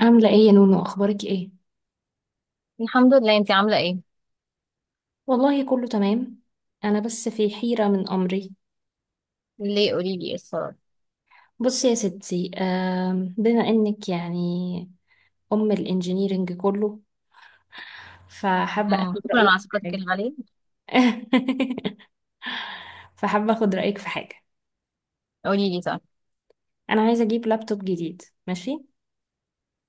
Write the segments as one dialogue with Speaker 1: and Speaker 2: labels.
Speaker 1: عاملة ايه يا نونو، اخبارك ايه؟
Speaker 2: الحمد لله، انتي عاملة ايه؟
Speaker 1: والله كله تمام. انا بس في حيرة من امري.
Speaker 2: ليه قولي لي ايه الصراحة؟
Speaker 1: بصي يا ستي، بما انك يعني الانجينيرينج كله، فحابة اخد
Speaker 2: شكرا
Speaker 1: رأيك
Speaker 2: على
Speaker 1: في
Speaker 2: ثقتك
Speaker 1: حاجة.
Speaker 2: الغالية.
Speaker 1: فحابة اخد رأيك في حاجة.
Speaker 2: قولي لي صح.
Speaker 1: انا عايزة اجيب لابتوب جديد ماشي.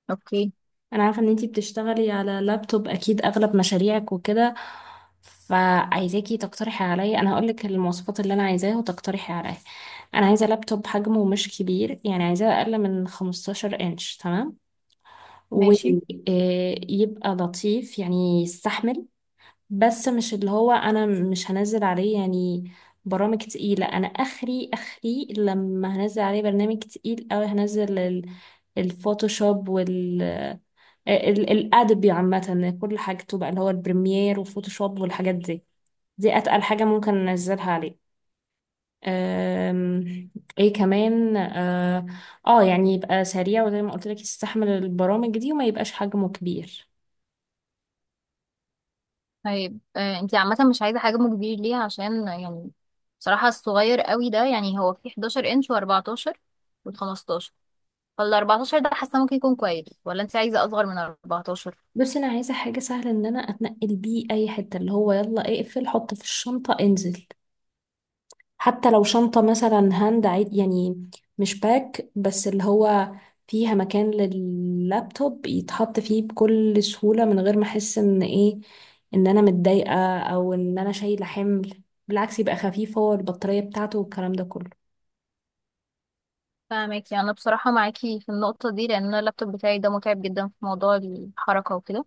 Speaker 2: اوكي
Speaker 1: انا عارفه ان انتي بتشتغلي على لابتوب، اكيد اغلب مشاريعك وكده. فعايزاكي تقترحي عليا، انا هقولك المواصفات اللي انا عايزاها وتقترحي عليا. انا عايزه لابتوب حجمه مش كبير، يعني عايزاه اقل من 15 انش، تمام،
Speaker 2: ماشي.
Speaker 1: ويبقى لطيف يعني يستحمل. بس مش اللي هو انا مش هنزل عليه يعني برامج تقيله. انا اخري اخري لما هنزل عليه برنامج تقيل، او هنزل الفوتوشوب، الأدبي عامة، كل حاجته بقى اللي هو البريمير وفوتوشوب والحاجات دي. دي أتقل حاجة ممكن ننزلها عليه. أم، ايه كمان يعني يبقى سريع، وزي ما قلت لك يستحمل البرامج دي، وما يبقاش حجمه كبير.
Speaker 2: طيب، انتي عامة مش عايزة حجم كبير ليه؟ عشان يعني بصراحة الصغير قوي ده، يعني هو في 11 انش و14 وال15. فال 14 ده حاسة ممكن يكون كويس، ولا انتي عايزة اصغر من 14؟
Speaker 1: بس انا عايزه حاجه سهله ان انا اتنقل بيه اي حته، اللي هو يلا اقفل حط في الشنطه انزل. حتى لو شنطة مثلا هاند عيد، يعني مش باك، بس اللي هو فيها مكان لللابتوب يتحط فيه بكل سهولة من غير ما احس ان ايه، ان انا متضايقة او ان انا شايلة حمل. بالعكس يبقى خفيف، هو البطارية بتاعته والكلام ده كله.
Speaker 2: فاهمك. يعني انا بصراحة معاكي في النقطة دي لان أنا اللابتوب بتاعي ده متعب جدا في موضوع الحركة وكده.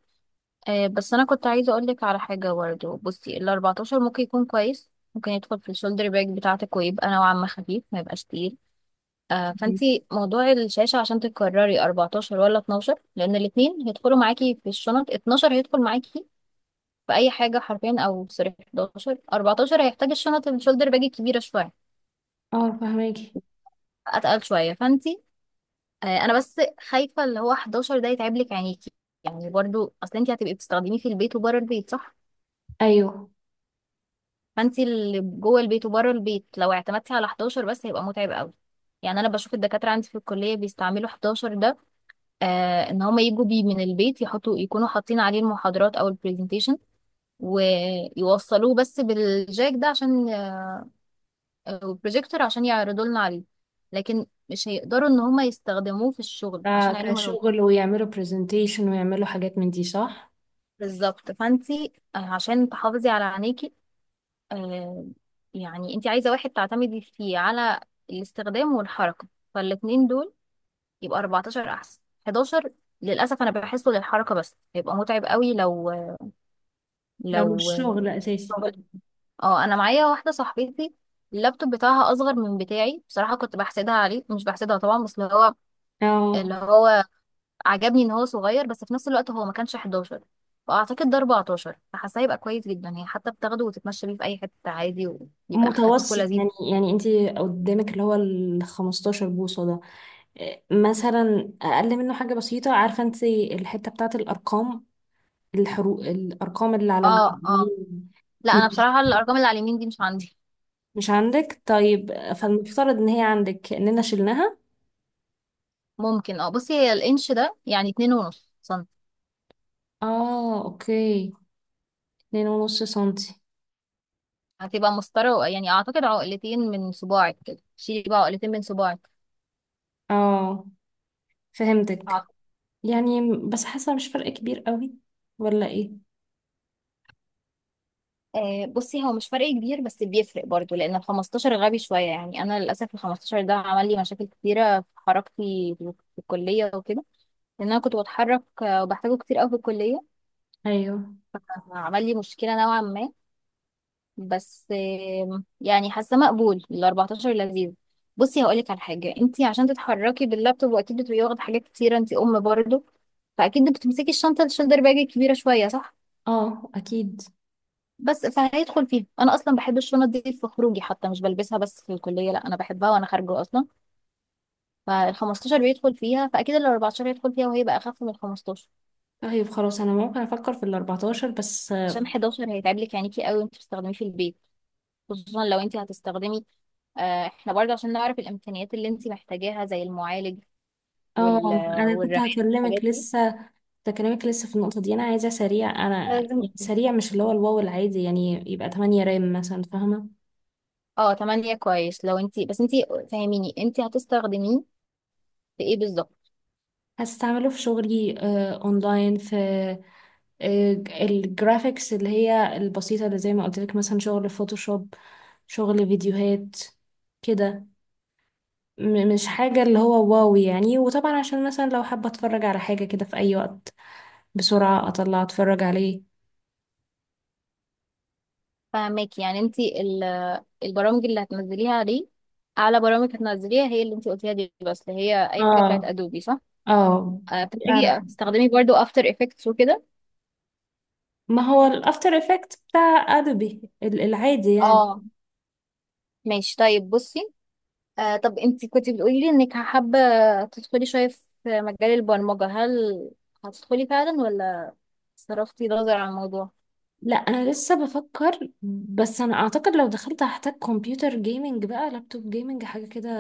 Speaker 2: بس انا كنت عايزه اقول لك على حاجه برضه. بصي ال 14 ممكن يكون كويس، ممكن يدخل في الشولدر باج بتاعتك ويبقى نوعا ما خفيف، ما يبقاش تقيل. فانتي موضوع الشاشه، عشان تكرري 14 ولا 12، لان الاثنين هيدخلوا معاكي في الشنط. 12 هيدخل معاكي في اي حاجه حرفيا، او سوري 11. 14 هيحتاج الشنط الشولدر باج الكبيره شويه،
Speaker 1: اه فهماكي.
Speaker 2: اتقل شويه. فانتي انا بس خايفه اللي هو 11 ده يتعب لك عينيكي. يعني برضو اصل انتي هتبقي بتستخدميه في البيت وبره البيت، صح؟
Speaker 1: ايوه.
Speaker 2: فانت اللي جوه البيت وبره البيت، لو اعتمدتي على 11 بس هيبقى متعب قوي. يعني انا بشوف الدكاتره عندي في الكليه بيستعملوا 11 ده. ان هم يجوا بيه من البيت، يحطوا يكونوا حاطين عليه المحاضرات او البرزنتيشن ويوصلوه بس بالجاك ده عشان البروجيكتور، عشان يعرضوا لنا عليه. لكن مش هيقدروا ان هم يستخدموه في الشغل عشان عينيهم الوجه.
Speaker 1: كشغل ويعملوا برزنتيشن ويعملوا حاجات من دي، صح.
Speaker 2: بالظبط، فانت عشان تحافظي على عينيكي، آه، يعني انت عايزة واحد تعتمدي فيه على الاستخدام والحركة. فالاتنين دول، يبقى 14 احسن. 11 للأسف أنا بحسه للحركة بس، هيبقى متعب قوي لو
Speaker 1: لو
Speaker 2: لو
Speaker 1: مش شغل اساسي.
Speaker 2: اه، أنا معايا واحدة صاحبتي اللابتوب بتاعها أصغر من بتاعي. بصراحة كنت بحسدها عليه، مش بحسدها طبعا، بس اللي هو
Speaker 1: اه.
Speaker 2: اللي هو عجبني إن هو صغير، بس في نفس الوقت هو ما كانش 11، فأعتقد ده 14. فحاسة هيبقى كويس جدا، هي حتى بتاخده وتتمشى بيه في أي حتة عادي، ويبقى خفيف
Speaker 1: متوسط
Speaker 2: ولذيذ.
Speaker 1: يعني. يعني انتي قدامك اللي هو ال 15 بوصة ده، مثلا اقل منه حاجه بسيطه. عارفه انت الحته بتاعت الارقام، الحروف، الارقام اللي على
Speaker 2: اه، اه.
Speaker 1: اليمين؟
Speaker 2: لا، انا
Speaker 1: مش
Speaker 2: بصراحه الارقام اللي على اليمين دي مش عندي.
Speaker 1: مش عندك؟ طيب فالمفترض ان هي عندك اننا شلناها.
Speaker 2: ممكن، اه. بصي هي الانش ده يعني اتنين ونص سنتي،
Speaker 1: اه، اوكي. 2.5 سنتي.
Speaker 2: هتبقى مسطره يعني. اعتقد عقلتين من صباعك كده. شيلي بقى عقلتين من صباعك،
Speaker 1: اه فهمتك.
Speaker 2: أعتقد.
Speaker 1: يعني بس حاسه مش فرق كبير قوي، ولا ايه؟
Speaker 2: بصي هو مش فرق كبير، بس بيفرق برضو لان ال 15 غبي شويه. يعني انا للاسف ال 15 ده عمل لي مشاكل كتيره في حركتي في الكليه وكده، لان انا كنت بتحرك، وبحتاجه كتير قوي في الكليه.
Speaker 1: ايوه.
Speaker 2: عمل لي مشكله نوعا ما. بس يعني حاسه مقبول ال 14 لذيذ. بصي هقولك على حاجه: انت عشان تتحركي باللابتوب، واكيد بتبقي واخده حاجات كتيره انت برضه، فاكيد بتمسكي الشنطه الشولدر باج الكبيره شويه، صح؟
Speaker 1: اه اكيد.
Speaker 2: بس فهيدخل فيها. انا اصلا بحب الشنط دي في خروجي حتى، مش بلبسها بس في الكليه، لا انا بحبها وانا خارجه اصلا. فال 15 بيدخل فيها، فاكيد ال 14 هيدخل فيها وهي بقى اخف من ال 15.
Speaker 1: طيب خلاص، انا ممكن افكر في ال14 بس.
Speaker 2: عشان 11 هيتعب لك عينيكي قوي وانت بتستخدميه في البيت، خصوصا لو انت هتستخدمي. احنا برضه عشان نعرف الامكانيات اللي انت محتاجاها زي المعالج وال
Speaker 1: اه، انا كنت
Speaker 2: والرماد
Speaker 1: هكلمك
Speaker 2: الحاجات دي
Speaker 1: لسه. ده كلامك لسه في النقطة دي، أنا عايزة سريع. أنا
Speaker 2: لازم.
Speaker 1: يعني سريع، مش اللي هو الواو العادي، يعني يبقى 8 رام مثلا، فاهمة؟
Speaker 2: اه، تمانية كويس لو انتي، بس انتي فاهميني انتي هتستخدميه في ايه بالظبط؟
Speaker 1: هستعمله في شغلي، أونلاين في الجرافيكس اللي هي البسيطة، اللي زي ما قلت لك، مثلا شغل فوتوشوب، شغل فيديوهات كده. مش حاجة اللي هو واو يعني. وطبعا عشان مثلا لو حابة أتفرج على حاجة كده في أي وقت، بسرعة أطلع أتفرج عليه.
Speaker 2: فاهماكي. يعني انتي البرامج اللي هتنزليها دي، اعلى برامج هتنزليها هي اللي انتي قلتيها دي، بس اللي هي اي حاجة بتاعت
Speaker 1: اه
Speaker 2: ادوبي، صح؟
Speaker 1: اه، دي أعلى.
Speaker 2: بتحتاجي تستخدمي برضو افتر افكتس وكده.
Speaker 1: ما هو الافتر افكت بتاع ادوبي العادي يعني.
Speaker 2: اه، ماشي. طيب بصي، طب انتي كنتي بتقولي لي انك حابة تدخلي شوية في مجال البرمجة، هل هتدخلي فعلا ولا صرفتي نظر عن الموضوع؟
Speaker 1: لا، انا لسه بفكر، بس انا اعتقد لو دخلت هحتاج كمبيوتر جيمنج، بقى لابتوب جيمنج حاجه كده.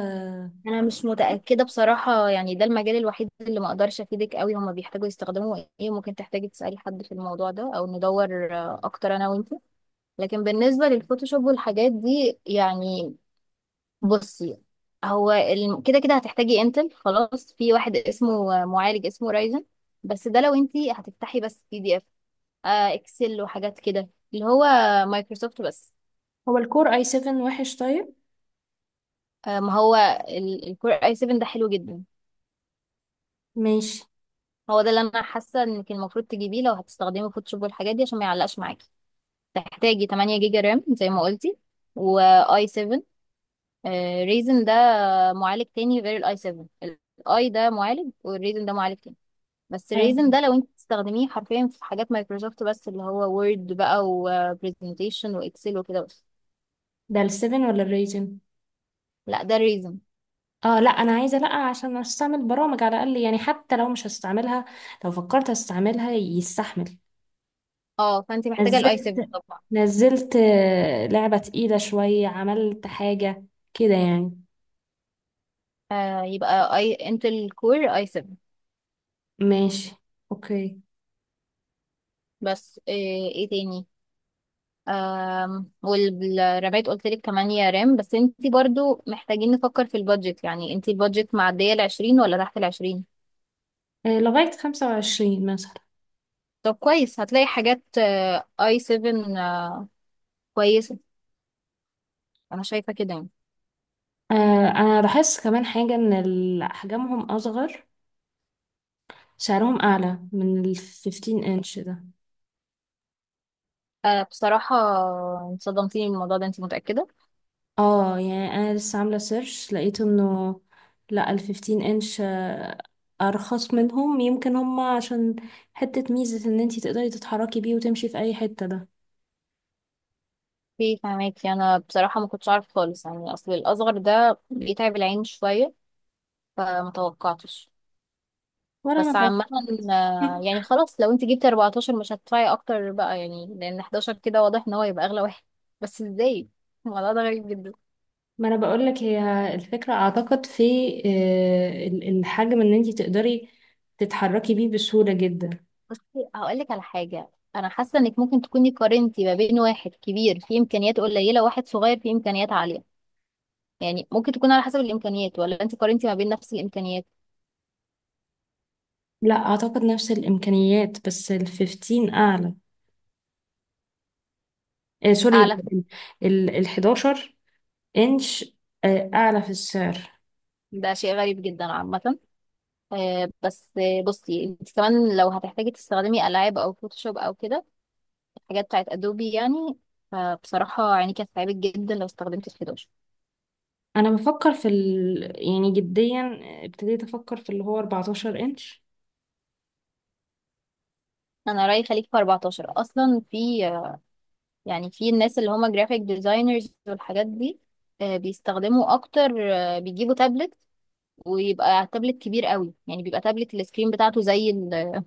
Speaker 2: انا مش متاكده بصراحه. يعني ده المجال الوحيد اللي ما اقدرش افيدك قوي. هما بيحتاجوا يستخدموا ايه، ممكن تحتاجي تسالي حد في الموضوع ده او ندور اكتر انا وانت. لكن بالنسبه للفوتوشوب والحاجات دي يعني، بصي هو كده كده هتحتاجي انتل. خلاص، في واحد اسمه معالج اسمه رايزن. بس ده لو انت هتفتحي بس بي دي اف، اكسل وحاجات كده، اللي هو مايكروسوفت بس.
Speaker 1: هو الكور اي 7 وحش طيب؟
Speaker 2: ما هو الكور اي 7 ده حلو جدا.
Speaker 1: ماشي.
Speaker 2: هو ده اللي انا حاسه انك المفروض تجيبيه لو هتستخدمي فوتوشوب والحاجات دي، عشان ما يعلقش معاكي. تحتاجي 8 جيجا رام زي ما قلتي، واي 7. ريزن ده معالج تاني غير الاي 7. الاي ده معالج والريزن ده معالج تاني. بس
Speaker 1: آه،
Speaker 2: الريزن ده لو انت تستخدميه حرفيا في حاجات مايكروسوفت بس، اللي هو وورد بقى وبرزنتيشن واكسل وكده بس.
Speaker 1: ده ال 7 ولا الريزن؟
Speaker 2: لا، ده الريزن.
Speaker 1: اه لا، انا عايزه لا، عشان استعمل برامج على الاقل يعني، حتى لو مش هستعملها، لو فكرت استعملها يستحمل.
Speaker 2: اه، فانت محتاجه الاي 7
Speaker 1: نزلت
Speaker 2: طبعا.
Speaker 1: نزلت لعبه تقيله شويه، عملت حاجه كده يعني.
Speaker 2: يبقى اي انتل كور اي 7.
Speaker 1: ماشي، اوكي.
Speaker 2: بس ايه تاني؟ والرماد قلت لك 8 رام. بس انت برضو محتاجين نفكر في البادجت. يعني انت البادجت معدية ال 20 ولا تحت ال 20؟
Speaker 1: لغاية 25 مثلا.
Speaker 2: طب كويس، هتلاقي حاجات اي 7 كويسة. انا شايفة كده يعني.
Speaker 1: أنا لاحظت كمان حاجة، إن أحجامهم أصغر، سعرهم أعلى من الفيفتين إنش ده.
Speaker 2: بصراحة صدمتيني بالموضوع ده، انت متأكدة؟
Speaker 1: اه يعني أنا لسه عاملة سيرش، لقيت إنه لأ، الفيفتين إنش أرخص منهم. يمكن هما عشان حتة ميزة إن انتي تقدري تتحركي بيه وتمشي في أي حتة ده.
Speaker 2: فهماكي. انا بصراحة ما كنتش عارف خالص، يعني اصل الاصغر ده بيتعب العين شوية، فمتوقعتش.
Speaker 1: ولا أنا
Speaker 2: بس عامة
Speaker 1: توقعت.
Speaker 2: يعني خلاص لو انت جبتي 14 مش هتدفعي اكتر بقى، يعني لان 11 كده واضح ان هو يبقى اغلى واحد. بس ازاي؟ الموضوع ده غريب جدا.
Speaker 1: ما انا بقول لك، هي الفكره اعتقد في الحجم، ان انت تقدري تتحركي بيه بسهوله جدا.
Speaker 2: بصي هقولك على حاجة: انا حاسة انك ممكن تكوني قارنتي ما بين واحد كبير فيه امكانيات قليلة وواحد صغير فيه امكانيات عالية. يعني ممكن تكون على حسب الامكانيات، ولا انت قارنتي ما بين نفس الامكانيات؟
Speaker 1: لا اعتقد نفس الامكانيات، بس ال 15 اعلى. آه سوري،
Speaker 2: اعلى
Speaker 1: ال 11 انش اعلى في السعر.
Speaker 2: ده شيء غريب جدا عامة. بس بصي انت كمان لو هتحتاجي تستخدمي العاب او فوتوشوب او كده، حاجات بتاعت ادوبي يعني، فبصراحة عيني كانت تعبت جدا لو استخدمت ال 11.
Speaker 1: انا بفكر في يعني جديا ابتديت افكر في اللي هو 14 انش.
Speaker 2: انا رأيي خليك في 14. اصلا في يعني في الناس اللي هما جرافيك ديزاينرز والحاجات دي، بيستخدموا اكتر. بيجيبوا تابلت، ويبقى تابلت كبير قوي. يعني بيبقى تابلت السكرين بتاعته زي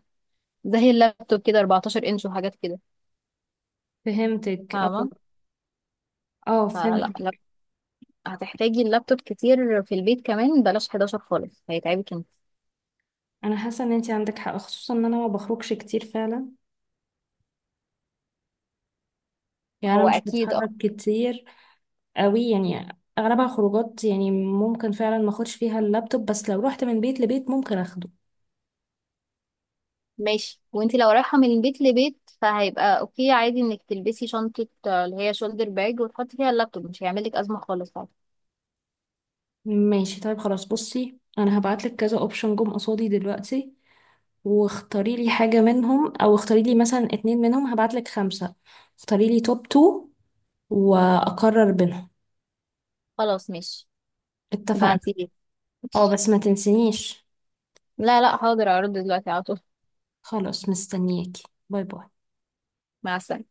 Speaker 2: زي اللابتوب كده، 14 انش وحاجات كده.
Speaker 1: فهمتك، اه.
Speaker 2: فاهمة؟
Speaker 1: اه
Speaker 2: فلا،
Speaker 1: فهمتك.
Speaker 2: لا هتحتاجي اللابتوب كتير في البيت كمان، بلاش 11 خالص هيتعبك انت.
Speaker 1: انا حاسه ان انت عندك حق، خصوصا ان انا ما بخرجش كتير فعلا. يعني انا
Speaker 2: هو
Speaker 1: مش
Speaker 2: اكيد.
Speaker 1: بتحرك كتير قوي يعني. اغلبها خروجات، يعني ممكن فعلا ما اخدش فيها اللابتوب، بس لو رحت من بيت لبيت ممكن اخده.
Speaker 2: ماشي. وانتي لو رايحة من بيت لبيت فهيبقى اوكي عادي، انك تلبسي شنطة اللي هي شولدر باج وتحطي فيها اللابتوب، مش هيعملك ازمة خالص، عادي.
Speaker 1: ماشي، طيب خلاص. بصي انا هبعتلك كذا اوبشن جم قصادي دلوقتي، واختاري لي حاجة منهم، او اختاري لي مثلا اتنين منهم. هبعتلك خمسة، اختاري لي توب تو، واقرر بينهم.
Speaker 2: خلاص ماشي.
Speaker 1: اتفقنا.
Speaker 2: ابعتيلي.
Speaker 1: اه
Speaker 2: ماشي.
Speaker 1: بس ما تنسينيش.
Speaker 2: لا، لا، حاضر، اعرض دلوقتي على طول.
Speaker 1: خلاص مستنياكي. باي باي.
Speaker 2: مع السلامة.